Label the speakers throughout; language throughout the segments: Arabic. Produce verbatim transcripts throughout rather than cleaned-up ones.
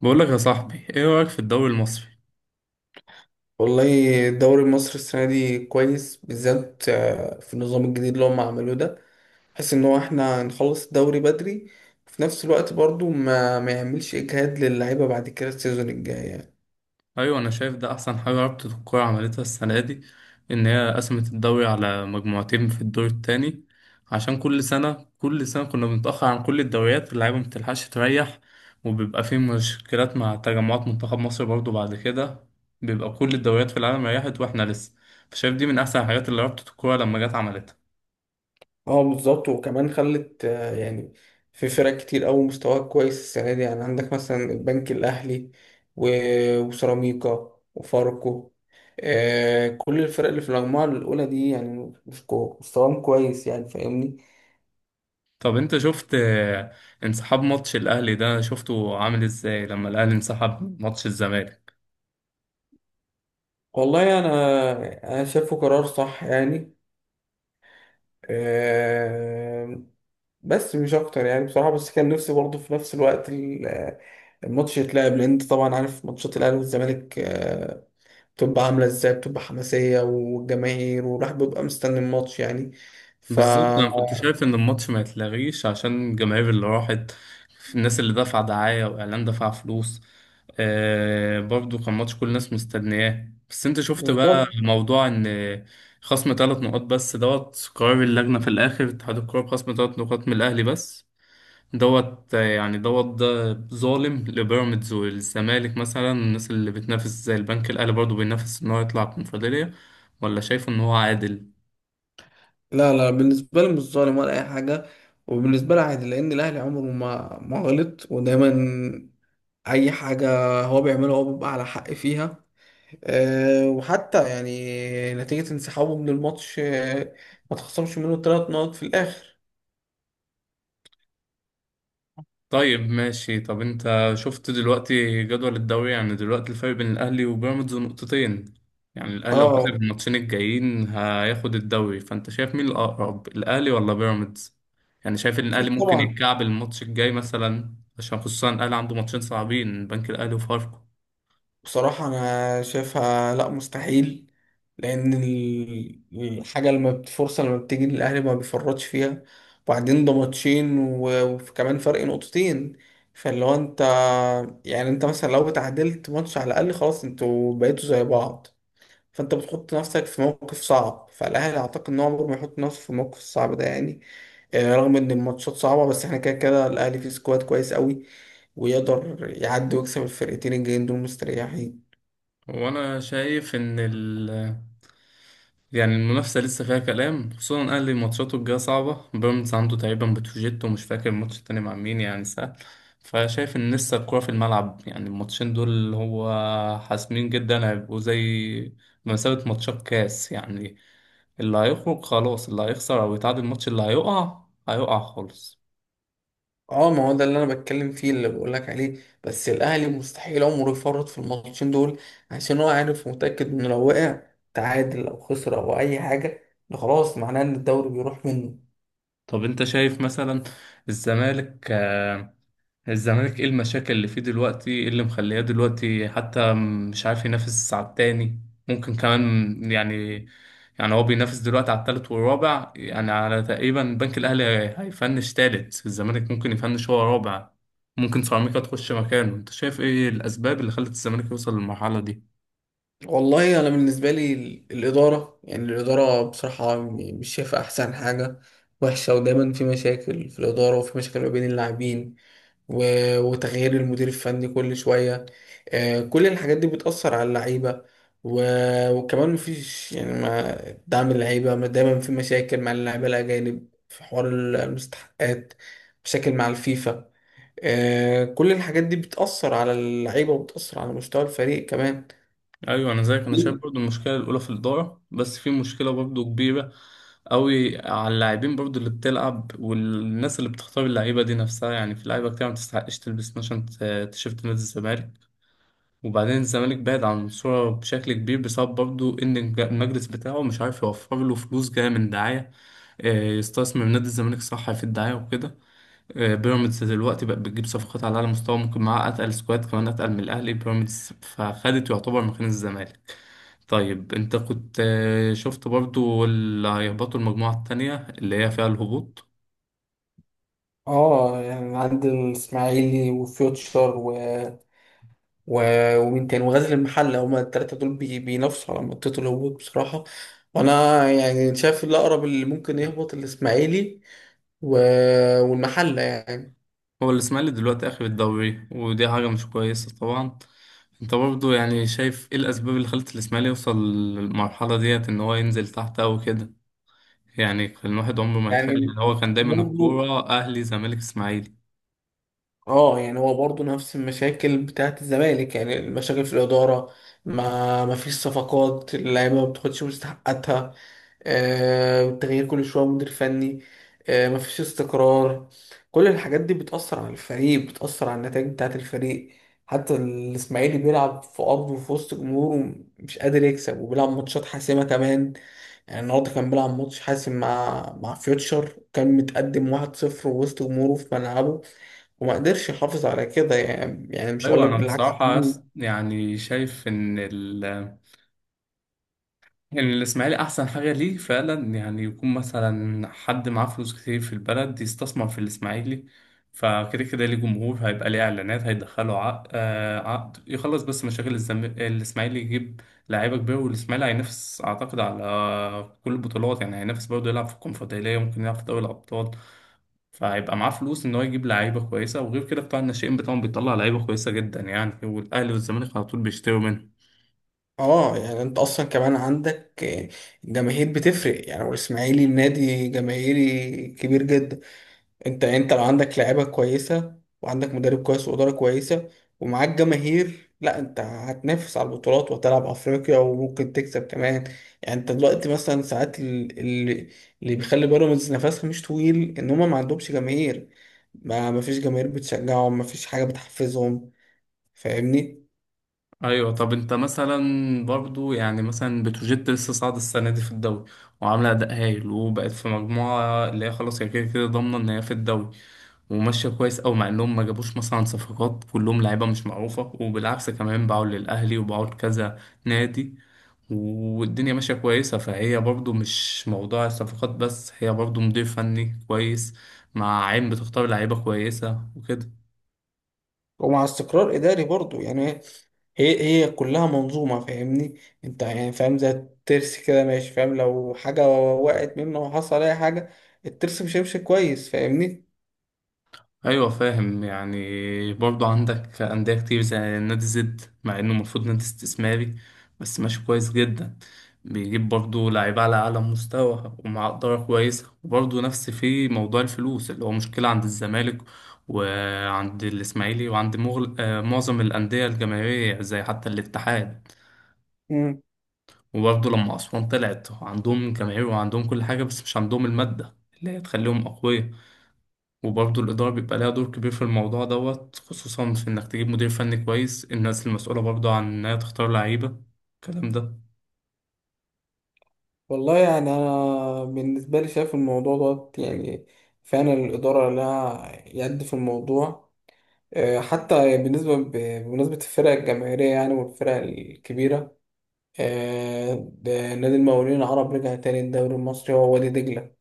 Speaker 1: بقول لك يا صاحبي، ايه رأيك في الدوري المصري؟
Speaker 2: والله. الدوري المصري السنة دي كويس بالذات، آه، في النظام الجديد اللي هم عملوه ده، بحيث ان هو احنا نخلص الدوري بدري، وفي نفس الوقت برضو ما ما يعملش اجهاد للعيبة بعد كده السيزون الجاي يعني.
Speaker 1: ايوه انا شايف ده احسن حاجة رابطة الكورة عملتها السنة دي، ان هي قسمت الدوري على مجموعتين في الدور التاني. عشان كل سنة كل سنة كنا بنتأخر عن كل الدوريات واللعيبة مبتلحقش تريح، وبيبقى في مشكلات مع تجمعات منتخب مصر برضو بعد كده. بيبقى كل الدوريات في العالم ريحت واحنا لسه. فشايف دي من احسن الحاجات اللي رابطة الكورة لما جت عملتها.
Speaker 2: اه، بالظبط، وكمان خلت، آه، يعني في فرق كتير قوي مستواها كويس السنة دي، يعني عندك مثلا البنك الأهلي و- وسيراميكا وفاركو. آه، كل الفرق اللي في المجموعة الأولى دي يعني مستواهم كويس، يعني فاهمني.
Speaker 1: طب انت شفت آه، انسحاب ماتش الاهلي ده شفته عامل ازاي لما الاهلي انسحب من ماتش الزمالك؟
Speaker 2: والله، انا انا شايفه قرار صح يعني. آه، بس مش اكتر يعني، بصراحه، بس كان نفسي برضه في نفس الوقت ال- الماتش يتلعب، لان انت طبعا عارف ماتشات الاهلي والزمالك آه، بتبقى عامله ازاي، بتبقى حماسيه والجماهير، والواحد بيبقى مستني الماتش يعني. ف
Speaker 1: بالظبط، انا كنت شايف ان الماتش ما يتلغيش عشان الجماهير اللي راحت، الناس اللي دفع دعاية واعلان دفع فلوس. آه، برضو كان ماتش كل الناس مستنياه. بس انت شفت بقى
Speaker 2: بالظبط.
Speaker 1: موضوع ان خصم ثلاث نقاط بس دوت، قرار اللجنة في الاخر اتحاد الكورة بخصم ثلاث نقاط من الاهلي بس دوت. آه، يعني دوت ده ظالم لبيراميدز والزمالك، مثلا الناس اللي بتنافس زي البنك الاهلي برضو بينافس ان هو يطلع الكونفدرالية، ولا شايفه ان هو عادل؟
Speaker 2: لا، لا، بالنسبه لي مش ظالم ولا اي حاجه، وبالنسبه لي عادي لان الاهلي عمره ما ما غلط، ودايما اي حاجه هو بيعملها هو بيبقى على حق فيها. آه، وحتى يعني نتيجة انسحابه من الماتش، آه، ما تخصمش منه ثلاث نقط في الآخر.
Speaker 1: طيب ماشي. طب انت شفت دلوقتي جدول الدوري؟ يعني دلوقتي الفرق بين الاهلي وبيراميدز نقطتين، يعني الاهلي لو كسب
Speaker 2: اه،
Speaker 1: الماتشين الجايين هياخد الدوري. فانت شايف مين الاقرب، الاهلي ولا بيراميدز؟ يعني شايف ان الاهلي
Speaker 2: أكيد
Speaker 1: ممكن
Speaker 2: طبعا.
Speaker 1: يتكعب الماتش الجاي مثلا، عشان خصوصا الاهلي عنده ماتشين صعبين، بنك الاهلي وفاركو.
Speaker 2: بصراحة أنا شايفها لأ، مستحيل، لأن ال- الحاجة لما بت- الفرصة لما بتيجي للأهلي ما بيفرطش فيها. وبعدين ده ماتشين و- وكمان فرق نقطتين، فاللي هو أنت، يعني أنت مثلا لو اتعادلت ماتش على الأقل، خلاص، أنتوا بقيتوا زي بعض، فانت بتحط نفسك في موقف صعب. فالاهلي اعتقد ان هو عمره ما يحط نفسه في الموقف الصعب ده يعني، آه، رغم ان الماتشات صعبه، بس احنا كده كده الاهلي فيه سكواد كويس قوي، ويقدر يعدي ويكسب الفرقتين الجايين دول مستريحين.
Speaker 1: وانا شايف ان ال، يعني المنافسة لسه فيها كلام، خصوصا الأهلي ماتشاته الجاية صعبة، بيراميدز عنده تقريبا بتروجيت ومش فاكر الماتش التاني مع مين، يعني سهل. فشايف إن لسه الكورة في الملعب، يعني الماتشين دول اللي هو حاسمين جدا، هيبقوا زي بمثابة ماتشات كاس يعني. اللي هيخرج خلاص، اللي هيخسر أو يتعادل الماتش اللي هيقع هيقع خالص.
Speaker 2: اه، ما هو ده اللي انا بتكلم فيه، اللي بقول لك عليه، بس الاهلي مستحيل عمره يفرط في الماتشين دول، عشان هو عارف ومتاكد انه لو وقع تعادل او خسر او اي حاجه، ده خلاص معناه ان الدوري بيروح منه.
Speaker 1: طب أنت شايف مثلا الزمالك، آه، الزمالك ايه المشاكل اللي فيه دلوقتي؟ ايه اللي مخلياه دلوقتي حتى مش عارف ينافس على التاني؟ ممكن كمان يعني، يعني هو بينافس دلوقتي على التالت والرابع، يعني على تقريبا البنك الاهلي. هيفنش تالت، الزمالك ممكن يفنش هو رابع، ممكن سيراميكا تخش مكانه. انت شايف ايه الاسباب اللي خلت الزمالك يوصل للمرحلة دي؟
Speaker 2: والله انا بالنسبه لي ال- الاداره يعني، الاداره بصراحه يعني مش شايفه احسن حاجه، وحشه، ودايما في مشاكل في الاداره، وفي مشاكل ما بين اللاعبين، و- وتغيير المدير الفني كل شويه. آه، كل الحاجات دي بتاثر على اللعيبه. و- وكمان مفيش يعني ما دعم اللعيبه، ما دايما في مشاكل مع اللعيبه الاجانب في حوار ال- المستحقات، مشاكل مع الفيفا. آه، كل الحاجات دي بتاثر على اللعيبه، وبتاثر على مستوى الفريق كمان.
Speaker 1: ايوه انا زيك، انا شايف برضو المشكله الاولى في الاداره. بس في مشكله برضو كبيره قوي على اللاعبين برضو اللي بتلعب، والناس اللي بتختار اللعيبه دي نفسها، يعني في لعيبه كتير ما تستحقش تلبس مثلا ت- تيشيرت نادي الزمالك. وبعدين الزمالك بعد عن الصوره بشكل كبير بسبب برضو ان الج- المجلس بتاعه مش عارف يوفر له فلوس جايه من دعايه، آه، يستثمر نادي الزمالك صح في الدعايه وكده. آه، بيراميدز دلوقتي بقت بتجيب صفقات على اعلى مستوى، ممكن معاها اتقل سكواد كمان اتقل من الاهلي، بيراميدز فخدت يعتبر مكان الزمالك. طيب انت كنت آه، شفت برضو اللي هيهبطوا المجموعة التانية اللي هي فيها الهبوط؟
Speaker 2: اه، يعني عند الاسماعيلي وفيوتشر و... و... ومين تاني وغزل المحله، هما التلاته دول بي... بينافسوا على منطقه الهبوط بصراحه. وانا يعني شايف الاقرب اللي ممكن يهبط الاسماعيلي و... والمحله يعني.
Speaker 1: هو الإسماعيلي دلوقتي آخر الدوري ودي حاجة مش كويسة طبعا. انت برضو يعني شايف ايه الأسباب اللي خلت الإسماعيلي يوصل للمرحلة ديت، ان هو ينزل تحت أو كده؟ يعني كان الواحد عمره ما يتخيل،
Speaker 2: يعني
Speaker 1: يعني هو كان دايما
Speaker 2: برضه،
Speaker 1: الكورة أهلي زمالك إسماعيلي.
Speaker 2: اه، يعني هو برضه نفس المشاكل بتاعت الزمالك، يعني المشاكل في الإدارة، ما ما فيش صفقات، اللعيبة ما بتاخدش مستحقاتها، آه تغيير كل شوية مدير فني، آه ما فيش استقرار، كل الحاجات دي بتأثر على الفريق، بتأثر على النتائج بتاعت الفريق. حتى الإسماعيلي بيلعب في أرضه وفي وسط جمهوره مش قادر يكسب، وبيلعب ماتشات حاسمة كمان، يعني النهارده كان بيلعب ماتش حاسم مع مع فيوتشر، كان متقدم واحد صفر وسط جمهوره في ملعبه، وما قدرش يحافظ على كده يعني يعني مش هقول
Speaker 1: أيوة
Speaker 2: لك،
Speaker 1: أنا
Speaker 2: بالعكس.
Speaker 1: بصراحة يعني شايف إن الإسماعيلي أحسن حاجة ليه فعلا، يعني يكون مثلا حد معاه فلوس كتير في البلد يستثمر في الإسماعيلي. فكده كده ليه جمهور، هيبقى ليه إعلانات، هيدخله عقد، آه عقد يخلص. بس مشاكل الزم... الإسماعيلي يجيب لعيبة كبيرة، والإسماعيلي هينافس أعتقد على كل البطولات، يعني هينافس برضه يلعب في الكونفدرالية، ممكن يلعب في دوري الأبطال. فهيبقى معاه فلوس إن هو يجيب لعيبة كويسة، وغير كده بتاع الناشئين بتاعهم بيطلع لعيبة كويسة جدا يعني، والأهلي والزمالك على طول بيشتروا منه.
Speaker 2: اه، يعني انت اصلا كمان عندك جماهير بتفرق، يعني والاسماعيلي نادي جماهيري كبير جدا، انت انت لو عندك لعيبه كويسه، وعندك مدرب كويس، واداره كويسه، ومعاك جماهير، لا انت هتنافس على البطولات، وهتلعب افريقيا، وممكن تكسب كمان. يعني انت دلوقتي مثلا ساعات ال- ال- اللي بيخلي بيراميدز نفسها مش طويل ان هما ما عندهمش جماهير، ما ما فيش جماهير بتشجعهم، ما فيش حاجه بتحفزهم، فاهمني.
Speaker 1: ايوه. طب انت مثلا برضو يعني مثلا بتروجيت لسه صاعده السنه دي في الدوري، وعامله اداء هايل، وبقت في مجموعه اللي هي خلاص هي كده كده ضامنه ان هي في الدوري. وماشيه كويس أوي، مع انهم ما جابوش مثلا صفقات، كلهم لعيبه مش معروفه، وبالعكس كمان باعوا للاهلي وباعوا لكذا نادي. والدنيا ماشيه كويسه، فهي برضو مش موضوع الصفقات بس، هي برضو مدير فني كويس، مع عين بتختار لعيبه كويسه وكده.
Speaker 2: ومع استقرار إداري برضو يعني، هي هي كلها منظومة. فاهمني انت يعني، فاهم زي الترس كده ماشي، فاهم لو حاجة وقعت منه وحصل أي حاجة، الترس مش هيمشي كويس، فاهمني.
Speaker 1: ايوه فاهم. يعني برضو عندك انديه كتير زي نادي زد، مع انه المفروض نادي استثماري بس ماشي كويس جدا، بيجيب برضو لعيبه على اعلى مستوى ومع اداره كويسه. وبرضو نفس في موضوع الفلوس اللي هو مشكله عند الزمالك وعند الاسماعيلي وعند مغل... آه، معظم الانديه الجماهيريه زي حتى الاتحاد.
Speaker 2: مم.
Speaker 1: وبرضو لما اسوان طلعت، عندهم جماهير وعندهم كل حاجه بس مش عندهم الماده اللي هي تخليهم اقوياء. وبرضه الإدارة بيبقى لها دور كبير في الموضوع دوت، خصوصا في إنك تجيب مدير فني كويس، الناس المسؤولة برضه عن إنها تختار لعيبة الكلام ده.
Speaker 2: والله يعني أنا بالنسبة لي شايف الموضوع ده يعني فعلا الإدارة لها يد في الموضوع. آه، حتى بالنسبة ب- بمناسبة الفرق الجماهيرية، يعني والفرق الكبيرة. آه، ده نادي المقاولين العرب رجع تاني الدوري المصري هو وادي دجلة.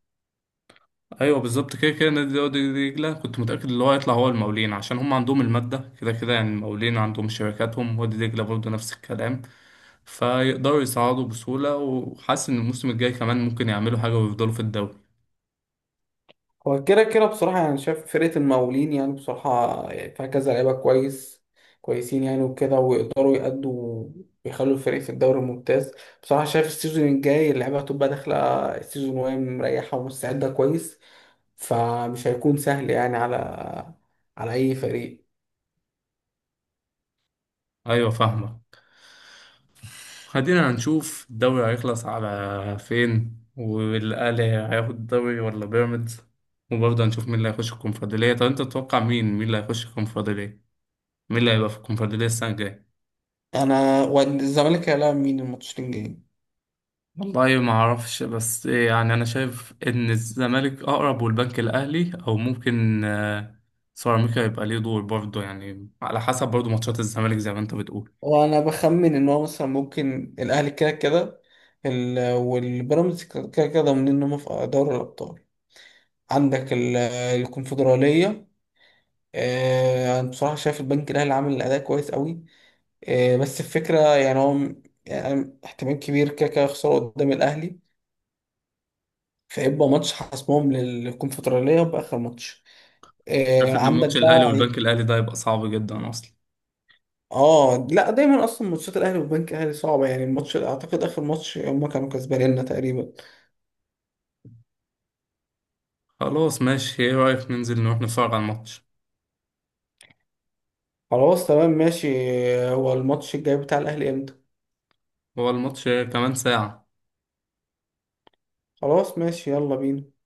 Speaker 1: أيوه بالظبط، كده كده نادي دي دجلة كنت متأكد إن هو هيطلع هو المقاولين، عشان هم عندهم المادة كده كده، يعني المقاولين عندهم شركاتهم، وادي دجلة برضه نفس الكلام. فيقدروا يصعدوا بسهولة، وحاسس إن الموسم الجاي كمان ممكن يعملوا حاجة ويفضلوا في الدوري.
Speaker 2: هو كده كده بصراحة يعني شايف فرقة المقاولين، يعني بصراحة يعني فيها كذا لعيبة كويس كويسين يعني وكده، ويقدروا يأدوا، ويخلوا الفريق في الدوري الممتاز. بصراحة شايف السيزون الجاي اللعيبة هتبقى داخلة السيزون وهي مريحة ومستعدة كويس، فمش هيكون سهل يعني على على أي فريق.
Speaker 1: أيوه فاهمك. خلينا هنشوف الدوري هيخلص على فين، والأهلي هياخد الدوري ولا بيراميدز. وبرضه هنشوف مين اللي هيخش الكونفدرالية. طب أنت تتوقع مين مين اللي هيخش الكونفدرالية، مين اللي هيبقى في الكونفدرالية السنة الجاية؟
Speaker 2: أنا، والزمالك هيلاعب مين الماتشين الجايين؟
Speaker 1: والله ما أعرفش، بس إيه يعني، أنا شايف إن الزمالك أقرب، والبنك الأهلي أو ممكن آه، سيراميكا يبقى ليه دور برضه، يعني على حسب برضه ماتشات الزمالك زي ما أنت بتقول.
Speaker 2: وأنا بخمن إن هو مثلا ممكن الأهلي كده كده، ال- والبيراميدز كده كده ضامنين إن هم في دوري الأبطال. عندك ال- الكونفدرالية. آه، أنا بصراحة شايف البنك الأهلي عامل أداء كويس قوي. آه، بس الفكرة يعني هو م- يعني احتمال كبير كده كده يخسروا قدام الأهلي، فيبقى ماتش حاسمهم للكونفدرالية بآخر ماتش.
Speaker 1: شايف
Speaker 2: آه،
Speaker 1: إن
Speaker 2: عندك
Speaker 1: ماتش الأهلي
Speaker 2: بقى.
Speaker 1: والبنك الأهلي ده هيبقى صعب جدا أصلا.
Speaker 2: اه، لا، دايما اصلا ماتشات الاهلي والبنك الاهلي صعبه، يعني الماتش اعتقد اخر ماتش هم كانوا كسبانيننا تقريبا.
Speaker 1: خلاص ماشي، إيه رأيك ننزل نروح نتفرج على الماتش؟
Speaker 2: خلاص، تمام، ماشي. آه، هو الماتش الجاي بتاع الاهلي امتى؟
Speaker 1: هو الماتش كمان ساعة.
Speaker 2: خلاص، ماشي، يلا بينا.